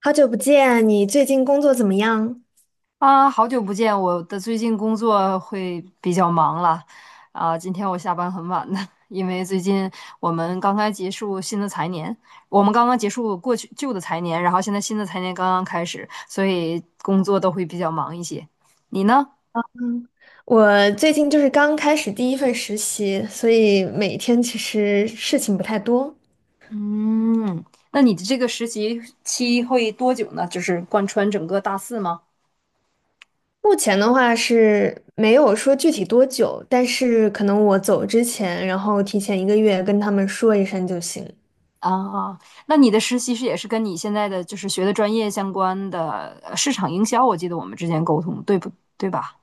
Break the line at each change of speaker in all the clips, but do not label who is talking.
好久不见，你最近工作怎么样？
啊，好久不见！我的最近工作会比较忙了，啊，今天我下班很晚的，因为最近我们刚刚结束新的财年，我们刚刚结束过去旧的财年，然后现在新的财年刚刚开始，所以工作都会比较忙一些。你呢？
我最近刚开始第一份实习，所以每天其实事情不太多。
嗯，那你的这个实习期会多久呢？就是贯穿整个大四吗？
目前的话是没有说具体多久，但是可能我走之前，然后提前一个月跟他们说一声就行。
啊，那你的实习是也是跟你现在的就是学的专业相关的市场营销，我记得我们之前沟通，对不对吧？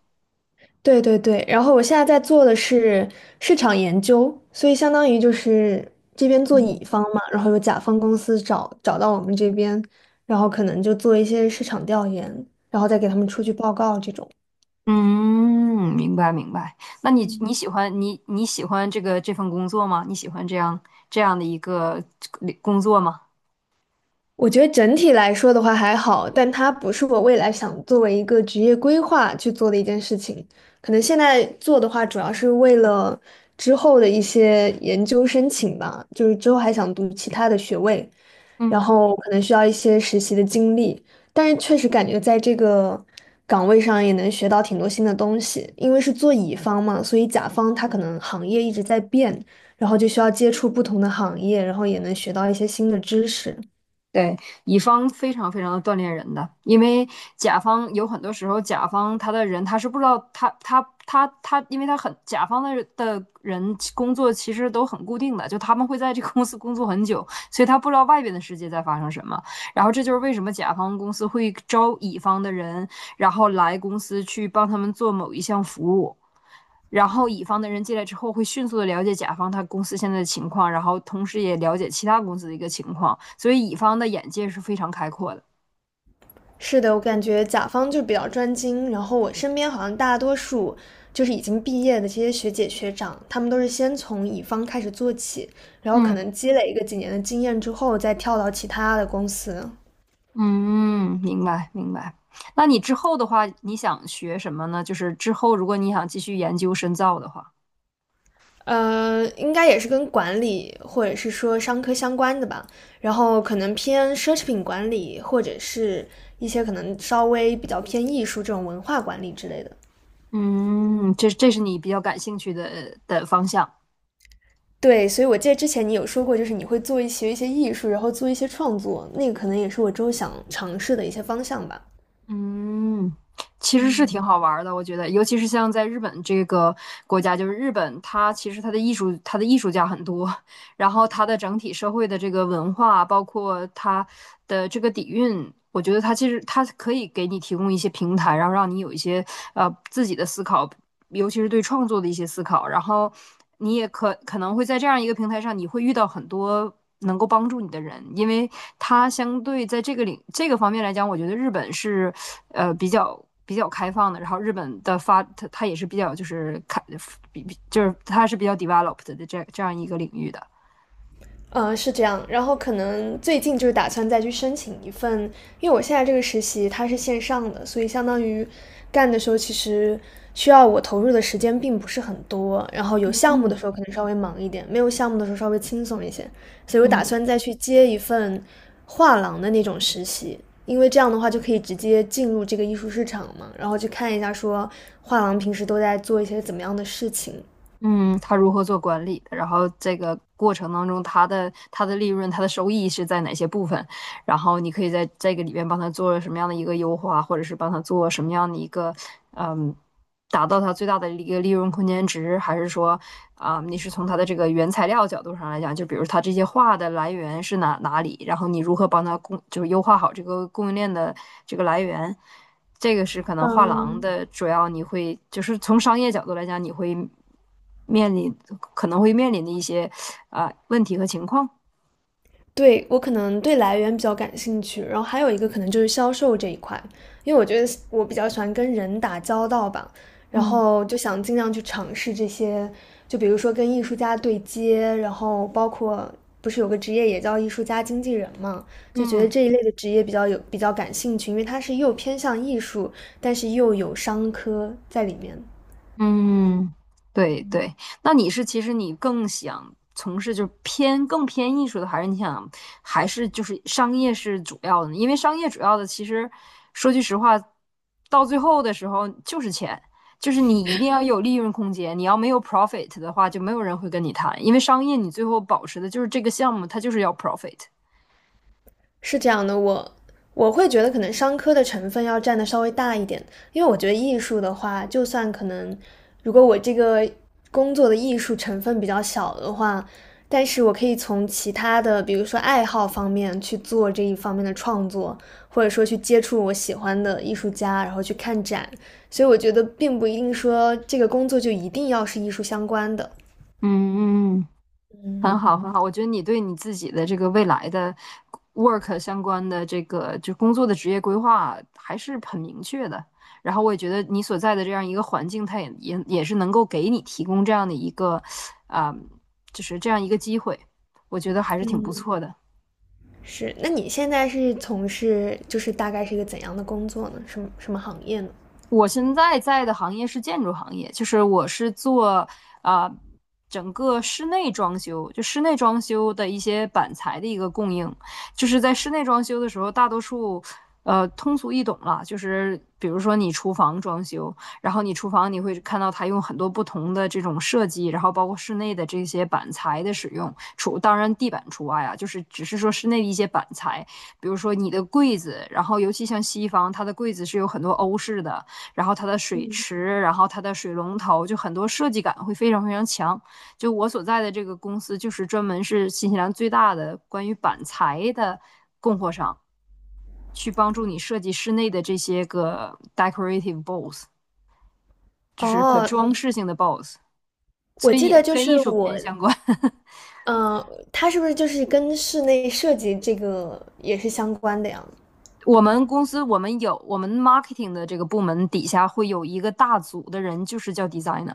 对对对，然后我现在在做的是市场研究，所以相当于这边做乙方嘛，然后有甲方公司找到我们这边，然后可能就做一些市场调研，然后再给他们出具报告这种。
嗯，明白明白。那你
嗯，
你喜欢你喜欢这份工作吗？你喜欢这样的一个工作吗？
我觉得整体来说的话还好，但它不是我未来想作为一个职业规划去做的一件事情。可能现在做的话，主要是为了之后的一些研究申请吧，之后还想读其他的学位，然
嗯。
后可能需要一些实习的经历，但是确实感觉在这个岗位上也能学到挺多新的东西，因为是做乙方嘛，所以甲方他可能行业一直在变，然后就需要接触不同的行业，然后也能学到一些新的知识。
对，乙方非常非常的锻炼人的，因为甲方有很多时候，甲方他的人他是不知道他，因为他很甲方的人工作其实都很固定的，就他们会在这个公司工作很久，所以他不知道外边的世界在发生什么。然后这就是为什么甲方公司会招乙方的人，然后来公司去帮他们做某一项服务。然后乙方的人进来之后，会迅速的了解甲方他公司现在的情况，然后同时也了解其他公司的一个情况，所以乙方的眼界是非常开阔的。
是的，我感觉甲方就比较专精，然后我身边好像大多数已经毕业的这些学姐学长，他们都是先从乙方开始做起，然后可
嗯
能积累一个几年的经验之后，再跳到其他的公司。
嗯，明白明白。那你之后的话，你想学什么呢？就是之后如果你想继续研究深造的话，
应该也是跟管理或者是说商科相关的吧，然后可能偏奢侈品管理，或者是一些可能稍微比较偏艺术这种文化管理之类的。
嗯，这是你比较感兴趣的的方向。
对，所以我记得之前你有说过，你会做一些艺术，然后做一些创作，那个可能也是我之后想尝试的一些方向吧。
嗯，其实是挺
嗯，
好玩儿的，我觉得，尤其是像在日本这个国家，就是日本，它其实它的艺术，它的艺术家很多，然后它的整体社会的这个文化，包括它的这个底蕴，我觉得它其实它可以给你提供一些平台，然后让你有一些自己的思考，尤其是对创作的一些思考。然后你也可能会在这样一个平台上，你会遇到很多能够帮助你的人，因为他相对在这个领这个方面来讲，我觉得日本是比较开放的。然后日本的发，它也是比较就是开比比就是它是比较 developed 的这样一个领域的。
嗯，是这样，然后可能最近打算再去申请一份，因为我现在这个实习它是线上的，所以相当于干的时候其实需要我投入的时间并不是很多，然后有项目的时候可能稍微忙一点，没有项目的时候稍微轻松一些，所以我打
嗯，
算再去接一份画廊的那种实习，因为这样的话就可以直接进入这个艺术市场嘛，然后去看一下说画廊平时都在做一些怎么样的事情。
嗯，他如何做管理的，然后这个过程当中，他的利润、他的收益是在哪些部分，然后你可以在这个里边帮他做什么样的一个优化，或者是帮他做什么样的一个，嗯，达到他最大的一个利润空间值，还是说，啊、你是从他的这个原材料角度上来讲，就比如他这些画的来源是哪里，然后你如何帮他，就是优化好这个供应链的这个来源。这个是可能画
嗯，
廊的主要，你会就是从商业角度来讲，你会面临可能会面临的一些啊、问题和情况。
对，我可能对来源比较感兴趣，然后还有一个可能就是销售这一块，因为我觉得我比较喜欢跟人打交道吧，然
嗯
后就想尽量去尝试这些，就比如说跟艺术家对接，然后包括不是有个职业也叫艺术家经纪人嘛，就觉得
嗯。
这一类的职业比较有比较感兴趣，因为它是又偏向艺术，但是又有商科在里面。
嗯，对对，那你是其实你更想从事就是偏更偏艺术的，还是就是商业是主要的呢？因为商业主要的其实说句实话，到最后的时候就是钱，就是你一定要有利润空间，你要没有 profit 的话，就没有人会跟你谈，因为商业你最后保持的就是这个项目，它就是要 profit。
是这样的，我会觉得可能商科的成分要占的稍微大一点，因为我觉得艺术的话，就算可能如果我这个工作的艺术成分比较小的话，但是我可以从其他的，比如说爱好方面去做这一方面的创作，或者说去接触我喜欢的艺术家，然后去看展，所以我觉得并不一定说这个工作就一定要是艺术相关的。
嗯嗯。很
嗯，
好，很好。我觉得你对你自己的这个未来的 work 相关的这个就工作的职业规划还是很明确的。然后我也觉得你所在的这样一个环境，它也是能够给你提供这样的一个，啊、就是这样一个机会，我觉得还是挺不错的。
是，那你现在是从事大概是一个怎样的工作呢？什么什么行业呢？
我现在在的行业是建筑行业，就是我是做啊、整个室内装修，就室内装修的一些板材的一个供应。就是在室内装修的时候，大多数通俗易懂了，就是比如说你厨房装修，然后你厨房你会看到它用很多不同的这种设计，然后包括室内的这些板材的使用，除当然地板除外啊，就是只是说室内的一些板材，比如说你的柜子，然后尤其像西方，它的柜子是有很多欧式的。然后它的水池，然后它的水龙头，就很多设计感会非常非常强。就我所在的这个公司，就是专门是新西兰最大的关于板材的供货商，去帮助你设计室内的这些个 decorative b o l l s 就是可
哦，
装饰性的 b o l l s
我
所以
记得
也
就
跟艺
是
术
我，
片相关。
嗯，它是不是就是跟室内设计这个也是相关的呀？
我们公司我们有我们 marketing 的这个部门底下会有一个大组的人，就是叫 designer，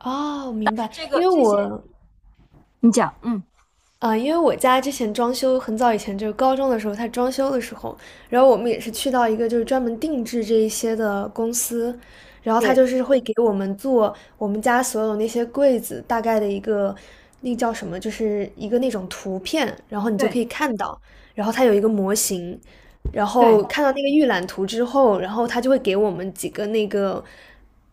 哦，明
是
白，
这
因
个
为
这些
我
你讲，嗯，
因为我家之前装修很早以前，就是高中的时候，他装修的时候，然后我们也是去到一个就是专门定制这一些的公司，然后他
对
就是会给我们做我们家所有那些柜子大概的一个，那叫什么，就是一个那种图片，然后你就可
对
以看到，然后它有一个模型，然
对，
后看到那个预览图之后，然后他就会给我们几个那个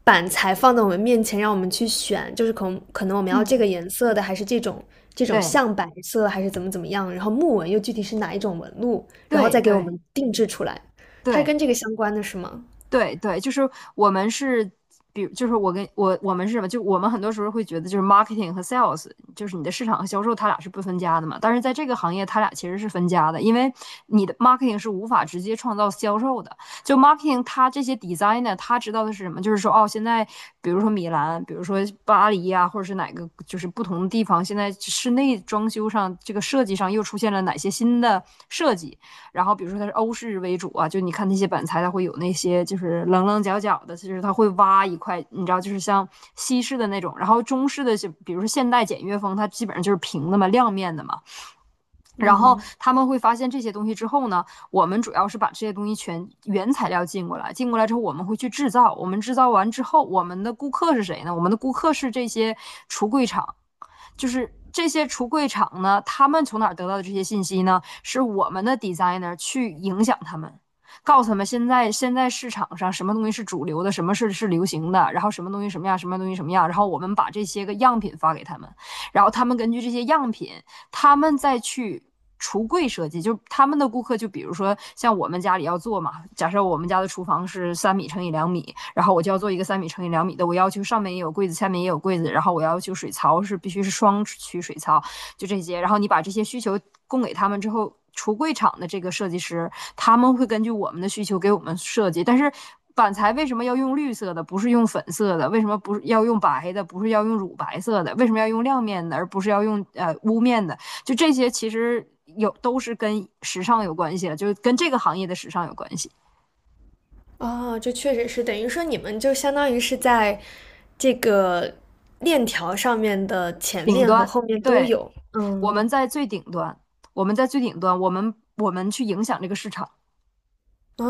板材放在我们面前，让我们去选，就是可能我们要这
嗯
个颜色的，还是这种
对。
象白色，还是怎么怎么样，然后木纹又具体是哪一种纹路，然后
对
再给我
对
们定制出来。它是
对
跟这个相关的是吗？
对对，就是我们是，比如就是我跟我我们是什么？就我们很多时候会觉得，就是 marketing 和 sales，就是你的市场和销售，它俩是不分家的嘛。但是在这个行业，它俩其实是分家的，因为你的 marketing 是无法直接创造销售的。就 marketing，它这些 designer，他知道的是什么？就是说，哦，现在比如说米兰，比如说巴黎呀、或者是哪个，就是不同的地方，现在室内装修上这个设计上又出现了哪些新的设计。然后比如说它是欧式为主啊，就你看那些板材，它会有那些就是棱棱角角的，就是它会挖一块，你知道，就是像西式的那种。然后中式的就比如说现代简约风，它基本上就是平的嘛，亮面的嘛。然后
嗯，
他们会发现这些东西之后呢，我们主要是把这些东西全原材料进过来，进过来之后我们会去制造，我们制造完之后，我们的顾客是谁呢？我们的顾客是这些橱柜厂。就是这些橱柜厂呢，他们从哪得到的这些信息呢？是我们的 designer 去影响他们，告诉他们现在市场上什么东西是主流的，什么是流行的，然后什么东西什么样，什么东西什么样，然后我们把这些个样品发给他们，然后他们根据这些样品他们再去橱柜设计，就他们的顾客，就比如说像我们家里要做嘛，假设我们家的厨房是三米乘以两米，然后我就要做一个三米乘以两米的，我要求上面也有柜子，下面也有柜子，然后我要求水槽是必须是双区水槽，就这些，然后你把这些需求供给他们之后。橱柜厂的这个设计师，他们会根据我们的需求给我们设计。但是板材为什么要用绿色的，不是用粉色的？为什么不是要用白的，不是要用乳白色的？为什么要用亮面的，而不是要用雾面的？就这些其实有都是跟时尚有关系的，就是跟这个行业的时尚有关系。
哦，这确实是等于说你们就相当于是在这个链条上面的前
顶
面和
端，
后面都
对，
有。
我
嗯，
们在最顶端，我们在最顶端，我们去影响这个市场。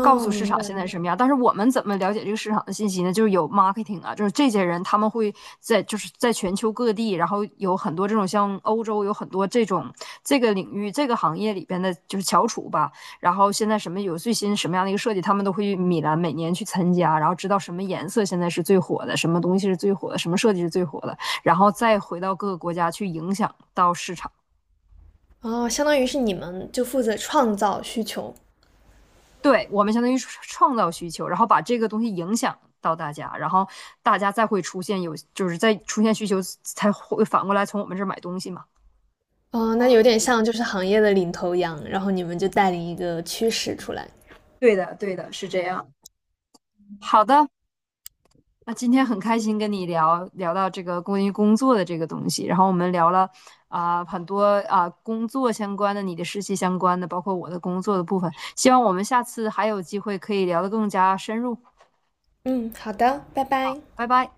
告诉市
明
场
白。
现在什么样。但是我们怎么了解这个市场的信息呢？就是有 marketing 啊，就是这些人他们会在就是在全球各地，然后有很多这种像欧洲有很多这种这个领域这个行业里边的就是翘楚吧。然后现在什么有最新什么样的一个设计，他们都会去米兰每年去参加，然后知道什么颜色现在是最火的，什么东西是最火的，什么设计是最火的，然后再回到各个国家去影响到市场。
哦，相当于是你们就负责创造需求。
对，我们相当于创造需求，然后把这个东西影响到大家，然后大家再会出现有，就是再出现需求，才会反过来从我们这儿买东西嘛。
哦，那有点像行业的领头羊，然后你们就带领一个趋势出来。
对的，对的，是这样。好的，那今天很开心跟你聊聊到这个关于工作的这个东西，然后我们聊了啊、很多啊、工作相关的，你的实习相关的，包括我的工作的部分。希望我们下次还有机会可以聊得更加深入。
嗯，好的，拜拜。
拜拜。